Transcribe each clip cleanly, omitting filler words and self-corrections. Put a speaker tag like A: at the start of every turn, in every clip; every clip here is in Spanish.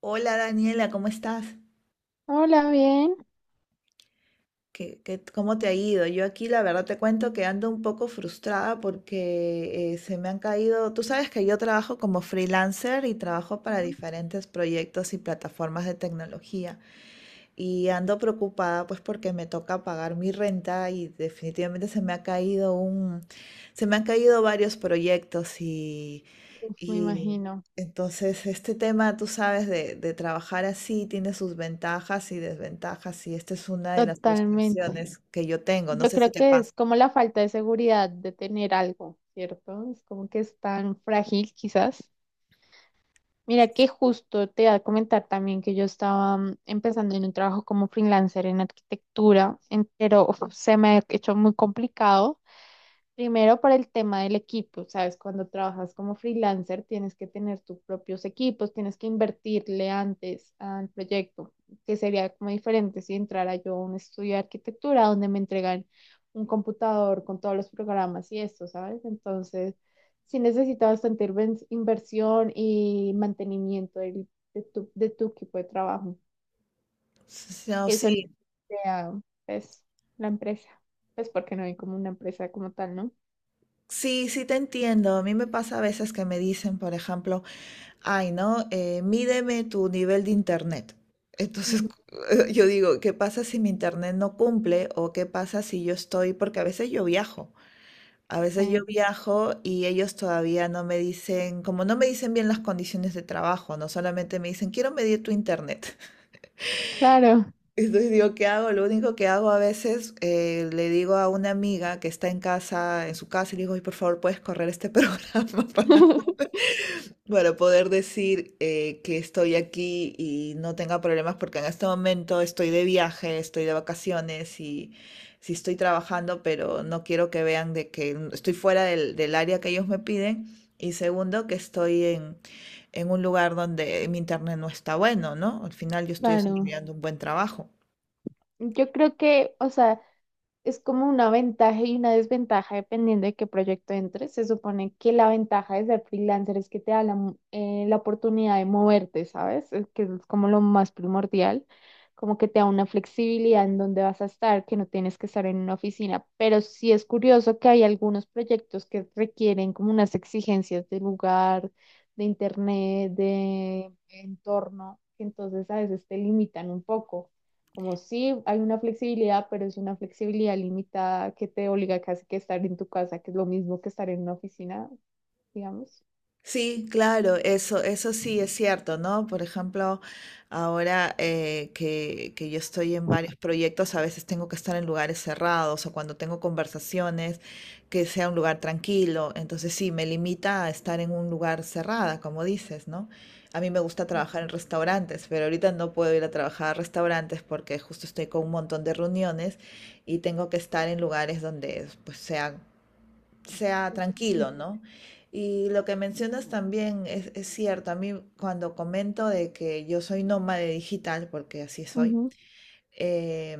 A: Hola Daniela, ¿cómo estás?
B: Hola, bien.
A: ¿Cómo te ha ido? Yo aquí la verdad te cuento que ando un poco frustrada porque se me han caído, tú sabes que yo trabajo como freelancer y trabajo para diferentes proyectos y plataformas de tecnología y ando preocupada pues porque me toca pagar mi renta y definitivamente se me han caído varios proyectos y
B: Uf, me
A: Y
B: imagino,
A: entonces este tema, tú sabes, de trabajar así tiene sus ventajas y desventajas y esta es una de las
B: totalmente.
A: frustraciones que yo tengo. No
B: Yo
A: sé si
B: creo
A: te
B: que es
A: pasa.
B: como la falta de seguridad de tener algo, ¿cierto? Es como que es tan frágil, quizás. Mira que justo te iba a comentar también que yo estaba empezando en un trabajo como freelancer en arquitectura, pero uf, se me ha hecho muy complicado. Primero por el tema del equipo, sabes, cuando trabajas como freelancer tienes que tener tus propios equipos, tienes que invertirle antes al proyecto, que sería como diferente si entrara yo a un estudio de arquitectura donde me entregan un computador con todos los programas y esto, ¿sabes? Entonces, sí necesitas bastante inversión y mantenimiento de tu equipo de trabajo.
A: No,
B: Eso no
A: sí,
B: sea, pues, la empresa, pues porque no hay como una empresa como tal, ¿no?
A: sí, sí te entiendo. A mí me pasa a veces que me dicen, por ejemplo, ay, ¿no? Mídeme tu nivel de internet. Entonces
B: Ujú.
A: cu- yo digo, ¿qué pasa si mi internet no cumple? ¿O qué pasa si yo estoy? Porque a veces yo viajo. A veces yo
B: Sí.
A: viajo y ellos todavía no me dicen, como no me dicen bien las condiciones de trabajo, no solamente me dicen, quiero medir tu internet.
B: Claro,
A: Entonces digo, ¿qué hago? Lo único que hago a veces, le digo a una amiga que está en casa, en su casa, y le digo, "Ay, por favor, ¿puedes correr este programa para poder decir que estoy aquí y no tenga problemas, porque en este momento estoy de viaje, estoy de vacaciones y sí estoy trabajando, pero no quiero que vean de que estoy fuera del área que ellos me piden. Y segundo, en un lugar donde mi internet no está bueno, ¿no? Al final yo estoy
B: claro.
A: desarrollando un buen trabajo.
B: Yo creo que, o sea, es como una ventaja y una desventaja dependiendo de qué proyecto entres. Se supone que la ventaja de ser freelancer es que te da la oportunidad de moverte, ¿sabes? Es que es como lo más primordial, como que te da una flexibilidad en dónde vas a estar, que no tienes que estar en una oficina. Pero sí es curioso que hay algunos proyectos que requieren como unas exigencias de lugar, de internet, de entorno, que entonces a veces te limitan un poco. Como sí, hay una flexibilidad, pero es una flexibilidad limitada que te obliga casi que a estar en tu casa, que es lo mismo que estar en una oficina, digamos.
A: Sí, claro, eso sí es cierto, ¿no? Por ejemplo, ahora que yo estoy en varios proyectos, a veces tengo que estar en lugares cerrados o cuando tengo conversaciones, que sea un lugar tranquilo. Entonces sí, me limita a estar en un lugar cerrada, como dices, ¿no? A mí me gusta trabajar en restaurantes, pero ahorita no puedo ir a trabajar a restaurantes porque justo estoy con un montón de reuniones y tengo que estar en lugares donde pues sea
B: Ujú,
A: tranquilo, ¿no? Y lo que mencionas también es cierto. A mí cuando comento de que yo soy nómade digital, porque así soy,
B: ujú,
A: eh,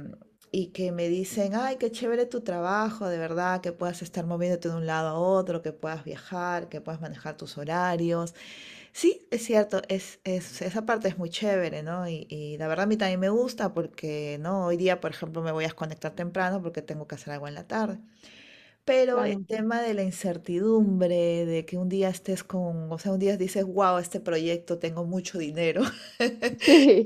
A: y que me dicen, ay, qué chévere tu trabajo, de verdad, que puedas estar moviéndote de un lado a otro, que puedas viajar, que puedas manejar tus horarios. Sí, es cierto, esa parte es muy chévere, ¿no? Y la verdad a mí también me gusta porque, ¿no? Hoy día, por ejemplo, me voy a desconectar temprano porque tengo que hacer algo en la tarde. Pero el
B: claro.
A: tema de la incertidumbre, de que un día estés con, o sea, un día dices, wow, este proyecto tengo mucho dinero
B: Sí,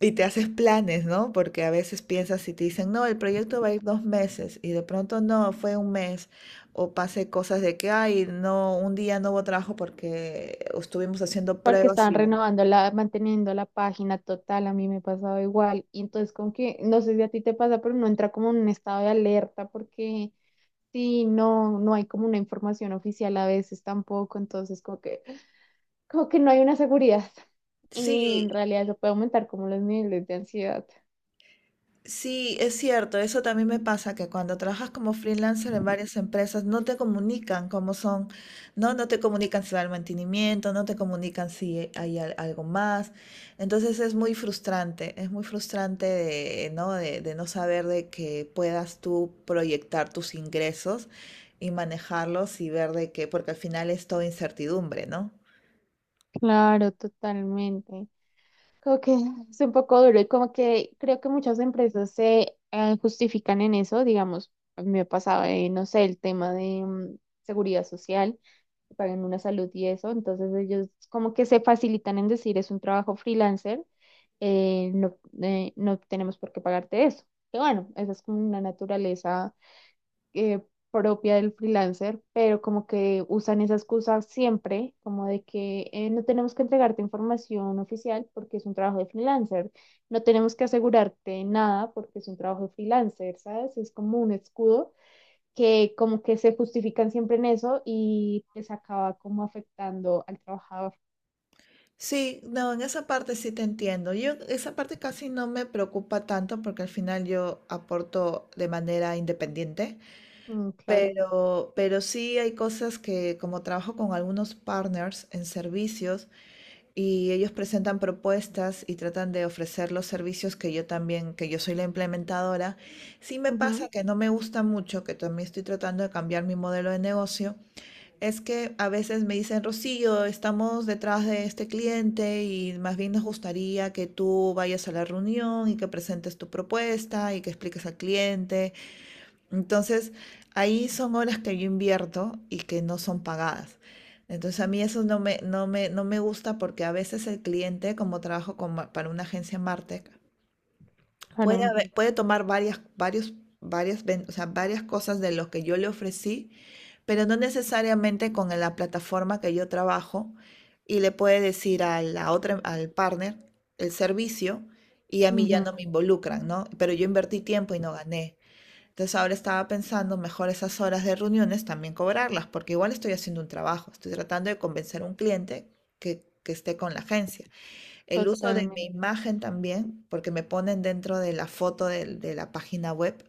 A: y te haces planes, ¿no? Porque a veces piensas y te dicen, no, el proyecto va a ir dos meses y de pronto no, fue un mes. O pase cosas de que, ay, no, un día no hubo trabajo porque estuvimos haciendo
B: porque
A: pruebas
B: estaban
A: y...
B: renovando la, manteniendo la página total, a mí me pasaba igual. Y entonces como que, no sé si a ti te pasa, pero no entra como en un estado de alerta porque sí, no, no hay como una información oficial a veces tampoco, entonces como que no hay una seguridad.
A: Sí,
B: Y en realidad eso puede aumentar como los niveles de ansiedad.
A: sí, es cierto, eso también me pasa, que cuando trabajas como freelancer en varias empresas no te comunican cómo son, no te comunican si va el mantenimiento, no te comunican si hay algo más. Entonces es muy frustrante de, ¿no? De no saber de que puedas tú proyectar tus ingresos y manejarlos y ver de que, porque al final es todo incertidumbre, ¿no?
B: Claro, totalmente. Creo que es un poco duro y como que creo que muchas empresas se justifican en eso, digamos, a mí me ha pasado, no sé, el tema de seguridad social, que pagan una salud y eso, entonces ellos como que se facilitan en decir es un trabajo freelancer, no, no tenemos por qué pagarte eso. Que bueno, esa es como una naturaleza eh, propia del freelancer, pero como que usan esa excusa siempre, como de que no tenemos que entregarte información oficial porque es un trabajo de freelancer, no tenemos que asegurarte nada porque es un trabajo de freelancer, ¿sabes? Es como un escudo que como que se justifican siempre en eso y les acaba como afectando al trabajador.
A: Sí, no, en esa parte sí te entiendo. Yo esa parte casi no me preocupa tanto porque al final yo aporto de manera independiente,
B: Mm, claro.
A: pero sí hay cosas que como trabajo con algunos partners en servicios y ellos presentan propuestas y tratan de ofrecer los servicios que yo también, que yo soy la implementadora, sí me
B: Ujú,
A: pasa que no me gusta mucho, que también estoy tratando de cambiar mi modelo de negocio. Es que a veces me dicen, Rocío, estamos detrás de este cliente y más bien nos gustaría que tú vayas a la reunión y que presentes tu propuesta y que expliques al cliente. Entonces, ahí son horas que yo invierto y que no son pagadas. Entonces, a mí eso no me gusta porque a veces el cliente, como trabajo con para una agencia Martech,
B: claro.
A: puede tomar varias, varios, varias, ven- o sea, varias cosas de lo que yo le ofrecí pero no necesariamente con la plataforma que yo trabajo y le puede decir a la otra, al partner el servicio y a mí ya
B: Ujú,
A: no me involucran, ¿no? Pero yo invertí tiempo y no gané. Entonces ahora estaba pensando mejor esas horas de reuniones también cobrarlas, porque igual estoy haciendo un trabajo, estoy tratando de convencer a un cliente que esté con la agencia. El uso de mi
B: totalmente.
A: imagen también, porque me ponen dentro de la foto de la página web.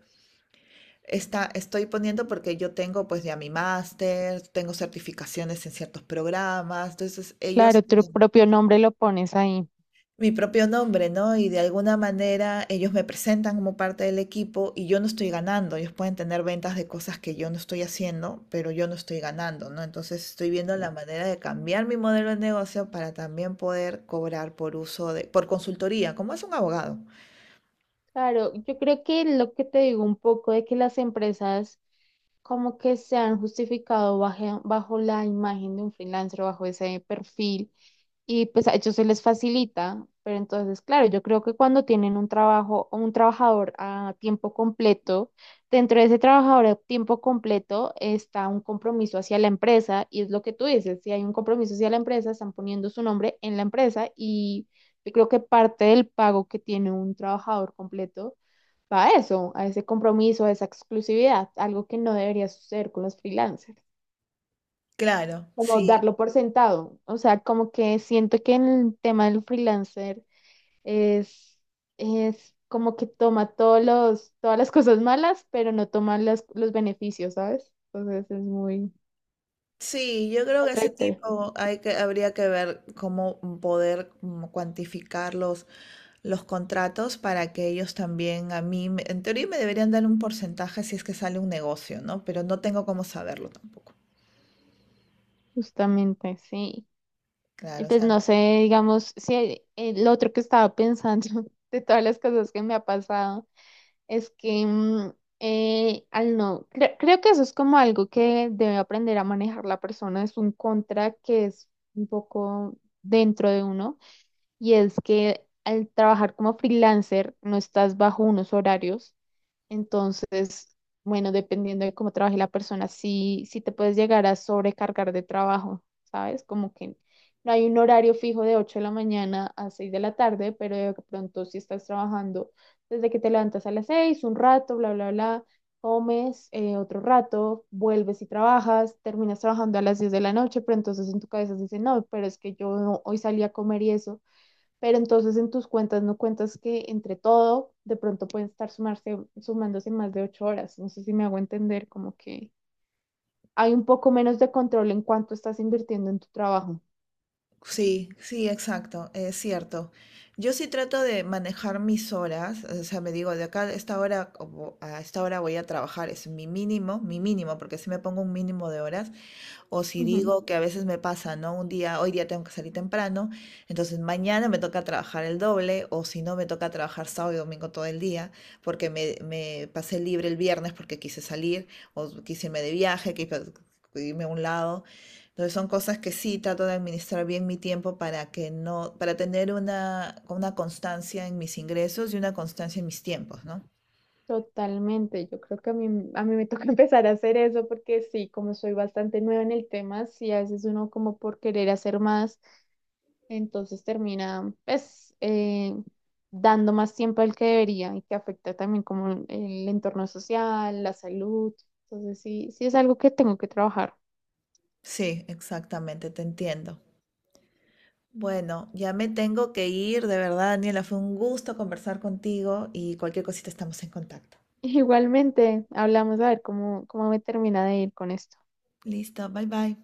A: Estoy poniendo porque yo tengo pues ya mi máster, tengo certificaciones en ciertos programas, entonces ellos
B: Claro, tu
A: tienen
B: propio nombre lo pones ahí.
A: mi propio nombre, ¿no? Y de alguna manera ellos me presentan como parte del equipo y yo no estoy ganando, ellos pueden tener ventas de cosas que yo no estoy haciendo, pero yo no estoy ganando, ¿no? Entonces estoy viendo la manera de cambiar mi modelo de negocio para también poder cobrar por uso de, por consultoría, como es un abogado.
B: Claro, yo creo que lo que te digo un poco de que las empresas como que se han justificado bajo, la imagen de un freelancer, bajo ese perfil, y pues a ellos se les facilita, pero entonces, claro, yo creo que cuando tienen un trabajo, un trabajador a tiempo completo, dentro de ese trabajador a tiempo completo está un compromiso hacia la empresa, y es lo que tú dices, si hay un compromiso hacia la empresa, están poniendo su nombre en la empresa, y yo creo que parte del pago que tiene un trabajador completo va a eso, a ese compromiso, a esa exclusividad, algo que no debería suceder con los freelancers,
A: Claro,
B: como
A: sí.
B: darlo por sentado. O sea, como que siento que en el tema del freelancer es, es como que toma todos los, todas las cosas malas, pero no toma los beneficios, ¿sabes? Entonces es muy
A: Sí, yo creo que ese
B: contradictorio,
A: tipo habría que ver cómo poder como cuantificar los contratos para que ellos también a mí, en teoría me deberían dar un porcentaje si es que sale un negocio, ¿no? Pero no tengo cómo saberlo tampoco.
B: justamente, sí. Y
A: Claro, o
B: pues
A: sea,
B: no sé, digamos, si el otro que estaba pensando de todas las cosas que me ha pasado. Es que al no, creo que eso es como algo que debe aprender a manejar la persona, es un contra que es un poco dentro de uno y es que al trabajar como freelancer no estás bajo unos horarios, entonces, bueno, dependiendo de cómo trabaje la persona, sí, sí te puedes llegar a sobrecargar de trabajo, ¿sabes? Como que no hay un horario fijo de 8 de la mañana a 6 de la tarde, pero de pronto si estás trabajando desde que te levantas a las 6 un rato, bla, bla, bla, comes otro rato, vuelves y trabajas, terminas trabajando a las 10 de la noche, pero entonces en tu cabeza dices, no, pero es que yo hoy salí a comer y eso. Pero entonces en tus cuentas no cuentas que entre todo de pronto pueden estar sumarse, sumándose más de 8 horas. No sé si me hago entender, como que hay un poco menos de control en cuánto estás invirtiendo en tu trabajo.
A: sí, sí, exacto, es cierto. Yo sí trato de manejar mis horas, o sea, me digo, de acá a esta hora, como a esta hora voy a trabajar, es mi mínimo, porque si me pongo un mínimo de horas, o si
B: Ujú.
A: digo que a veces me pasa, ¿no? Un día, hoy día tengo que salir temprano, entonces mañana me toca trabajar el doble, o si no, me toca trabajar sábado y domingo todo el día, porque me pasé libre el viernes porque quise salir, o quise irme de viaje, quise irme a un lado. Entonces son cosas que sí trato de administrar bien mi tiempo para que no, para tener una constancia en mis ingresos y una constancia en mis tiempos, ¿no?
B: Totalmente. Yo creo que a mí me toca empezar a hacer eso porque sí, como soy bastante nueva en el tema, sí, a veces uno como por querer hacer más. Entonces termina, pues, dando más tiempo al que debería y que afecta también como el entorno social, la salud. Entonces sí, sí es algo que tengo que trabajar.
A: Sí, exactamente, te entiendo. Bueno, ya me tengo que ir, de verdad, Daniela, fue un gusto conversar contigo y cualquier cosita estamos en contacto.
B: Igualmente, hablamos a ver cómo me termina de ir con esto.
A: Listo, bye bye.